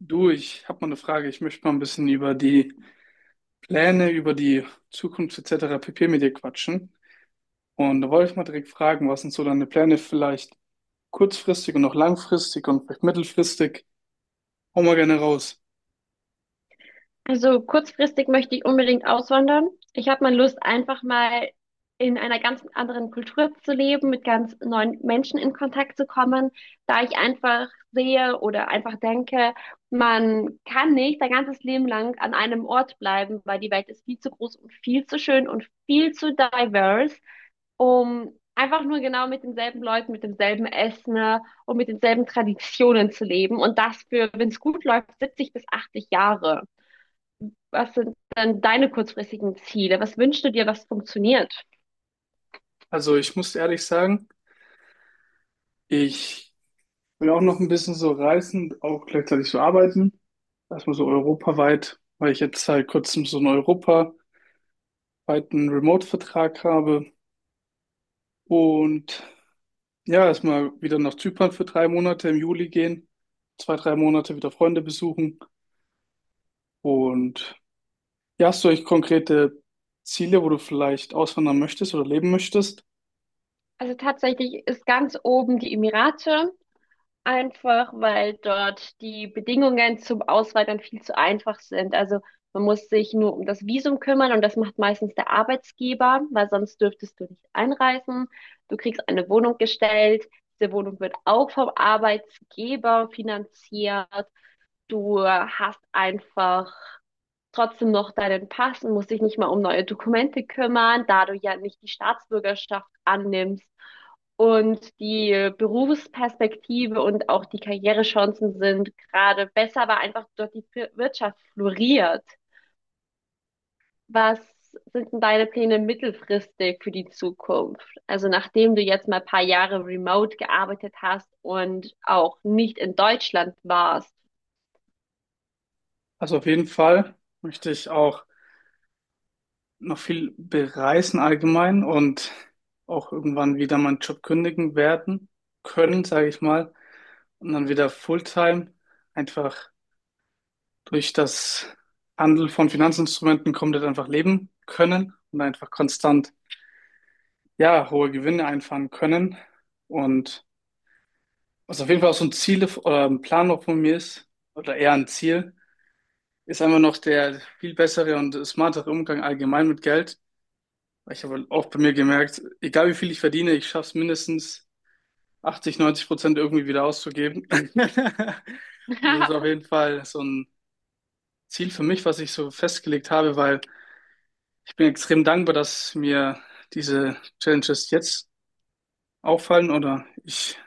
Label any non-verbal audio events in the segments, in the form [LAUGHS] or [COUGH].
Du, ich habe mal eine Frage. Ich möchte mal ein bisschen über die Pläne, über die Zukunft etc. pp. Mit dir quatschen. Und da wollte ich mal direkt fragen, was sind so deine Pläne vielleicht kurzfristig und auch langfristig und vielleicht mittelfristig? Hau mal gerne raus. Also kurzfristig möchte ich unbedingt auswandern. Ich habe mal Lust, einfach mal in einer ganz anderen Kultur zu leben, mit ganz neuen Menschen in Kontakt zu kommen, da ich einfach sehe oder einfach denke, man kann nicht sein ganzes Leben lang an einem Ort bleiben, weil die Welt ist viel zu groß und viel zu schön und viel zu diverse, um einfach nur genau mit denselben Leuten, mit demselben Essen und mit denselben Traditionen zu leben. Und das für, wenn es gut läuft, 70 bis 80 Jahre. Was sind denn deine kurzfristigen Ziele? Was wünschst du dir, was funktioniert? Also ich muss ehrlich sagen, ich will auch noch ein bisschen so reisen, auch gleichzeitig so arbeiten. Erstmal so europaweit, weil ich jetzt seit kurzem so einen europaweiten Remote-Vertrag habe. Und ja, erstmal wieder nach Zypern für 3 Monate im Juli gehen, 2, 3 Monate wieder Freunde besuchen. Und ja, hast du eigentlich konkrete Ziele, wo du vielleicht auswandern möchtest oder leben möchtest? Also tatsächlich ist ganz oben die Emirate. Einfach weil dort die Bedingungen zum Auswandern viel zu einfach sind. Also man muss sich nur um das Visum kümmern und das macht meistens der Arbeitgeber, weil sonst dürftest du nicht einreisen. Du kriegst eine Wohnung gestellt. Diese Wohnung wird auch vom Arbeitgeber finanziert. Du hast einfach trotzdem noch deinen Pass und musst dich nicht mal um neue Dokumente kümmern, da du ja nicht die Staatsbürgerschaft annimmst. Und die Berufsperspektive und auch die Karrierechancen sind gerade besser, weil einfach dort die Wirtschaft floriert. Was sind denn deine Pläne mittelfristig für die Zukunft? Also nachdem du jetzt mal ein paar Jahre remote gearbeitet hast und auch nicht in Deutschland warst. Also auf jeden Fall möchte ich auch noch viel bereisen allgemein und auch irgendwann wieder meinen Job kündigen werden können, sage ich mal. Und dann wieder Fulltime einfach durch das Handel von Finanzinstrumenten komplett einfach leben können und einfach konstant ja, hohe Gewinne einfahren können. Und was auf jeden Fall auch so ein Ziel oder ein Plan noch von mir ist, oder eher ein Ziel, ist einfach noch der viel bessere und smartere Umgang allgemein mit Geld. Weil ich habe auch bei mir gemerkt, egal wie viel ich verdiene, ich schaffe es mindestens 80, 90% irgendwie wieder auszugeben. [LAUGHS] Das ist auf [LAUGHS] jeden Fall so ein Ziel für mich, was ich so festgelegt habe, weil ich bin extrem dankbar, dass mir diese Challenges jetzt auffallen oder ich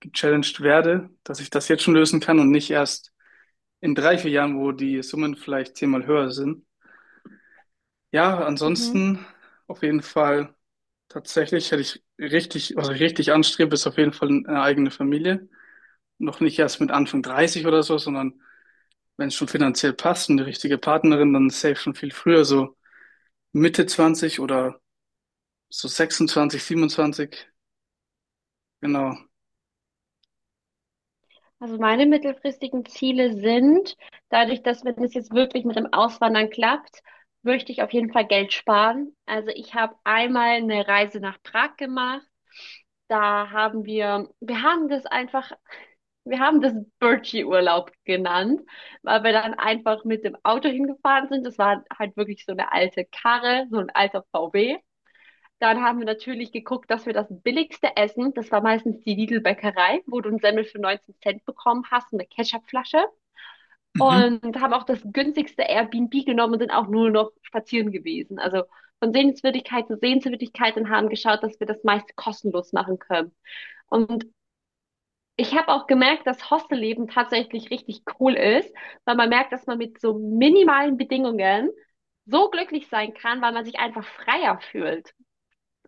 gechallenged werde, dass ich das jetzt schon lösen kann und nicht erst in 3, 4 Jahren, wo die Summen vielleicht 10-mal höher sind. Ja, Mhm. ansonsten auf jeden Fall tatsächlich hätte ich richtig, was ich richtig anstrebe, ist auf jeden Fall eine eigene Familie. Noch nicht erst mit Anfang 30 oder so, sondern wenn es schon finanziell passt und die richtige Partnerin, dann safe schon viel früher, so Mitte 20 oder so 26, 27, genau. Also meine mittelfristigen Ziele sind, dadurch, dass wenn es jetzt wirklich mit dem Auswandern klappt, möchte ich auf jeden Fall Geld sparen. Also ich habe einmal eine Reise nach Prag gemacht. Da haben wir, wir haben das einfach, wir haben das Birchi-Urlaub genannt, weil wir dann einfach mit dem Auto hingefahren sind. Das war halt wirklich so eine alte Karre, so ein alter VW. Dann haben wir natürlich geguckt, dass wir das billigste essen. Das war meistens die Lidl-Bäckerei, wo du einen Semmel für 19 Cent bekommen hast und eine Ketchupflasche. Mhm. Und haben auch das günstigste Airbnb genommen und sind auch nur noch spazieren gewesen. Also von Sehenswürdigkeit zu Sehenswürdigkeit und haben geschaut, dass wir das meiste kostenlos machen können. Und ich habe auch gemerkt, dass Hostelleben tatsächlich richtig cool ist, weil man merkt, dass man mit so minimalen Bedingungen so glücklich sein kann, weil man sich einfach freier fühlt.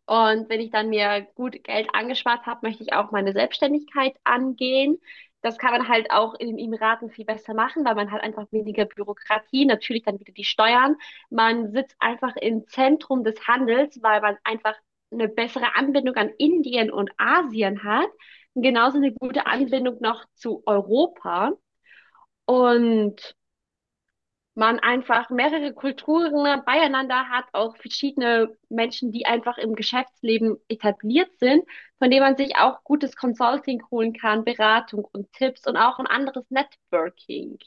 Und wenn ich dann mir gut Geld angespart habe, möchte ich auch meine Selbstständigkeit angehen. Das kann man halt auch in den Emiraten viel besser machen, weil man halt einfach weniger Bürokratie, natürlich dann wieder die Steuern. Man sitzt einfach im Zentrum des Handels, weil man einfach eine bessere Anbindung an Indien und Asien hat, genauso eine gute Anbindung noch zu Europa. Und man einfach mehrere Kulturen beieinander hat, auch verschiedene Menschen, die einfach im Geschäftsleben etabliert sind, von denen man sich auch gutes Consulting holen kann, Beratung und Tipps und auch ein anderes Networking.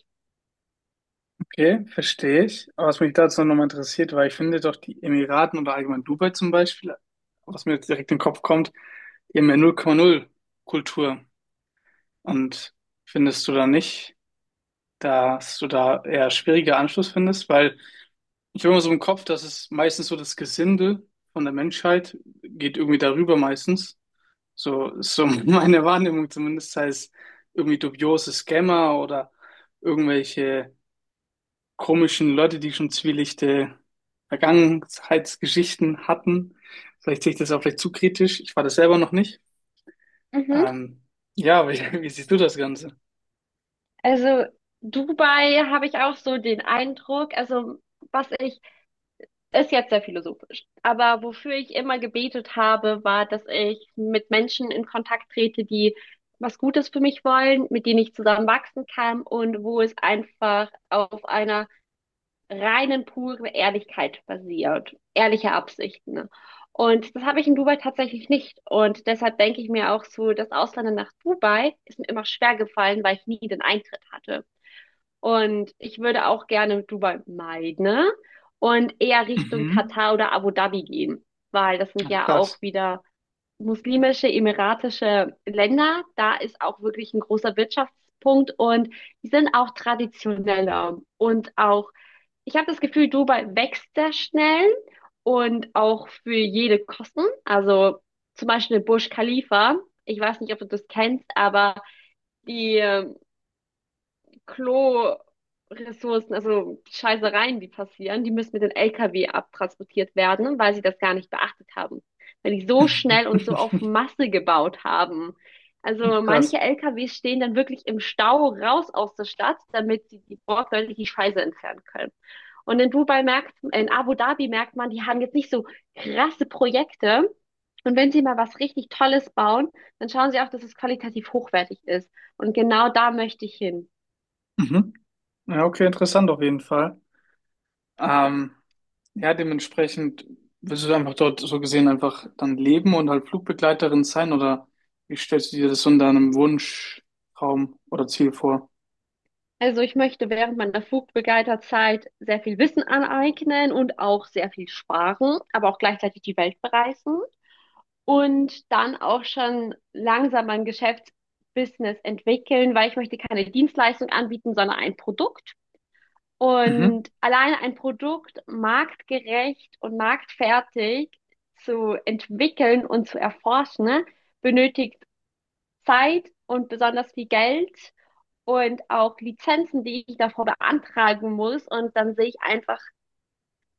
Okay, verstehe ich. Aber was mich dazu nochmal interessiert, weil ich finde doch die Emiraten oder allgemein Dubai zum Beispiel, was mir jetzt direkt in den Kopf kommt, die haben ja null Komma null Kultur. Und findest du da nicht, dass du da eher schwieriger Anschluss findest? Weil ich habe immer so im Kopf, dass es meistens so das Gesinde von der Menschheit geht irgendwie darüber meistens. So ist so [LAUGHS] meine Wahrnehmung zumindest, sei es irgendwie dubiose Scammer oder irgendwelche komischen Leute, die schon zwielichte Vergangenheitsgeschichten hatten. Vielleicht sehe ich das auch vielleicht zu kritisch. Ich war das selber noch nicht. Mhm. Ähm, ja, aber [LAUGHS] wie siehst du das Ganze? Also Dubai habe ich auch so den Eindruck, also was ich ist jetzt sehr philosophisch. Aber wofür ich immer gebetet habe, war, dass ich mit Menschen in Kontakt trete, die was Gutes für mich wollen, mit denen ich zusammen wachsen kann und wo es einfach auf einer reinen, puren Ehrlichkeit basiert. Ehrliche Absichten, ne? Und das habe ich in Dubai tatsächlich nicht. Und deshalb denke ich mir auch so, das Ausland nach Dubai ist mir immer schwer gefallen, weil ich nie den Eintritt hatte. Und ich würde auch gerne Dubai meiden, ne? Und eher Richtung Mhm. Katar oder Abu Dhabi gehen, weil das sind Ach, ja auch krass. wieder muslimische, emiratische Länder. Da ist auch wirklich ein großer Wirtschaftspunkt und die sind auch traditioneller und auch, ich habe das Gefühl, Dubai wächst sehr schnell und auch für jede Kosten. Also zum Beispiel Burj Khalifa. Ich weiß nicht, ob du das kennst, aber die Klo-Ressourcen, also Scheißereien, die passieren, die müssen mit den LKW abtransportiert werden, weil sie das gar nicht beachtet haben. Weil die so schnell und so auf [LAUGHS] Masse gebaut haben. Also Krass. manche LKWs stehen dann wirklich im Stau raus aus der Stadt, damit sie die wortwörtlich die Scheiße entfernen können. Und in Dubai merkt, in Abu Dhabi merkt man, die haben jetzt nicht so krasse Projekte. Und wenn sie mal was richtig Tolles bauen, dann schauen sie auch, dass es qualitativ hochwertig ist. Und genau da möchte ich hin. Mhm. Ja, okay, interessant auf jeden Fall. Ähm, ja, dementsprechend willst du einfach dort so gesehen einfach dann leben und halt Flugbegleiterin sein oder wie stellst du dir das so in deinem Wunschtraum oder Ziel vor? Also ich möchte während meiner Flugbegleiterzeit sehr viel Wissen aneignen und auch sehr viel sparen, aber auch gleichzeitig die Welt bereisen und dann auch schon langsam mein Geschäftsbusiness entwickeln, weil ich möchte keine Dienstleistung anbieten, sondern ein Produkt. Mhm. Und alleine ein Produkt marktgerecht und marktfertig zu entwickeln und zu erforschen, ne, benötigt Zeit und besonders viel Geld und auch Lizenzen, die ich davor beantragen muss. Und dann sehe ich einfach,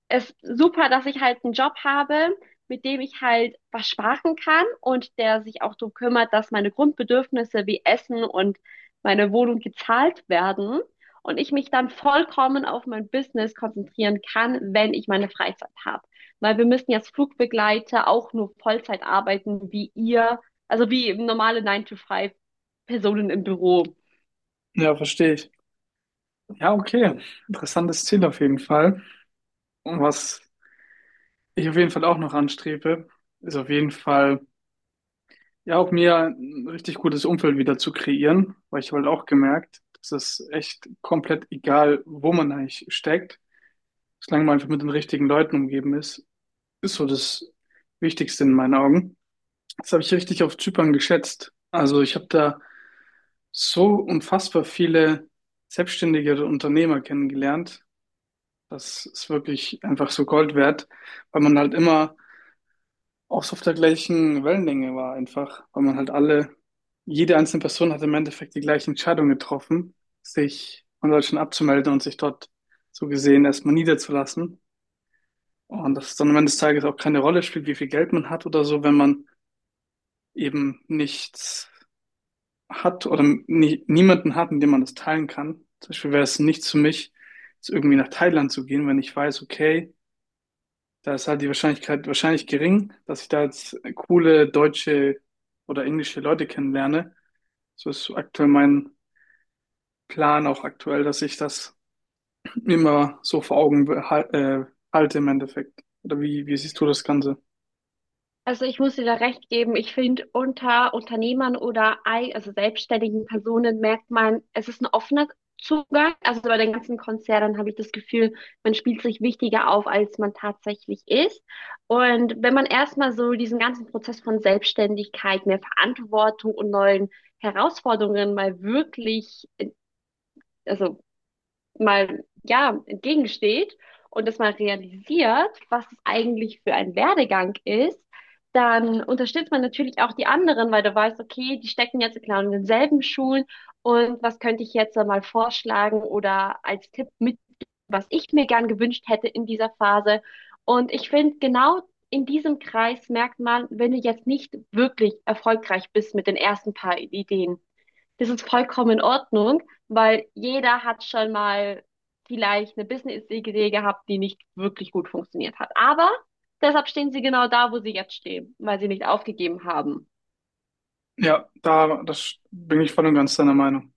es ist super, dass ich halt einen Job habe, mit dem ich halt was sparen kann und der sich auch darum kümmert, dass meine Grundbedürfnisse wie Essen und meine Wohnung gezahlt werden. Und ich mich dann vollkommen auf mein Business konzentrieren kann, wenn ich meine Freizeit habe. Weil wir müssen jetzt Flugbegleiter auch nur Vollzeit arbeiten, wie ihr, also wie normale nine to five Personen im Büro. Ja, verstehe ich. Ja, okay. Interessantes Ziel auf jeden Fall. Und was ich auf jeden Fall auch noch anstrebe, ist auf jeden Fall, ja, auch mir ein richtig gutes Umfeld wieder zu kreieren, weil ich habe halt auch gemerkt, dass es echt komplett egal, wo man eigentlich steckt, solange man einfach mit den richtigen Leuten umgeben ist, ist so das Wichtigste in meinen Augen. Das habe ich richtig auf Zypern geschätzt. Also ich habe da so unfassbar viele selbstständige Unternehmer kennengelernt, das ist wirklich einfach so Gold wert, weil man halt immer auch so auf der gleichen Wellenlänge war einfach, weil man halt alle, jede einzelne Person hat im Endeffekt die gleiche Entscheidung getroffen, sich von Deutschland abzumelden und sich dort so gesehen erstmal niederzulassen. Und dass es dann am Ende des Tages auch keine Rolle spielt, wie viel Geld man hat oder so, wenn man eben nichts hat oder nie, niemanden hat, mit dem man das teilen kann. Zum Beispiel wäre es nichts für mich, jetzt irgendwie nach Thailand zu gehen, wenn ich weiß, okay, da ist halt die Wahrscheinlichkeit wahrscheinlich gering, dass ich da jetzt coole deutsche oder englische Leute kennenlerne. So ist aktuell mein Plan auch aktuell, dass ich das immer so vor Augen halte im Endeffekt. Oder wie siehst du das Ganze? Also ich muss dir da recht geben. Ich finde, unter Unternehmern oder also selbstständigen Personen merkt man, es ist ein offener Zugang. Also bei den ganzen Konzernen habe ich das Gefühl, man spielt sich wichtiger auf, als man tatsächlich ist. Und wenn man erstmal so diesen ganzen Prozess von Selbstständigkeit, mehr Verantwortung und neuen Herausforderungen mal wirklich, also mal, ja, entgegensteht und das mal realisiert, was es eigentlich für ein Werdegang ist, dann unterstützt man natürlich auch die anderen, weil du weißt, okay, die stecken jetzt genau in denselben Schulen und was könnte ich jetzt mal vorschlagen oder als Tipp mit, was ich mir gern gewünscht hätte in dieser Phase. Und ich finde, genau in diesem Kreis merkt man, wenn du jetzt nicht wirklich erfolgreich bist mit den ersten paar Ideen, das ist vollkommen in Ordnung, weil jeder hat schon mal vielleicht eine Business-Idee gehabt, die nicht wirklich gut funktioniert hat. Aber deshalb stehen sie genau da, wo sie jetzt stehen, weil sie nicht aufgegeben haben. Ja, da das bin ich voll und ganz deiner Meinung.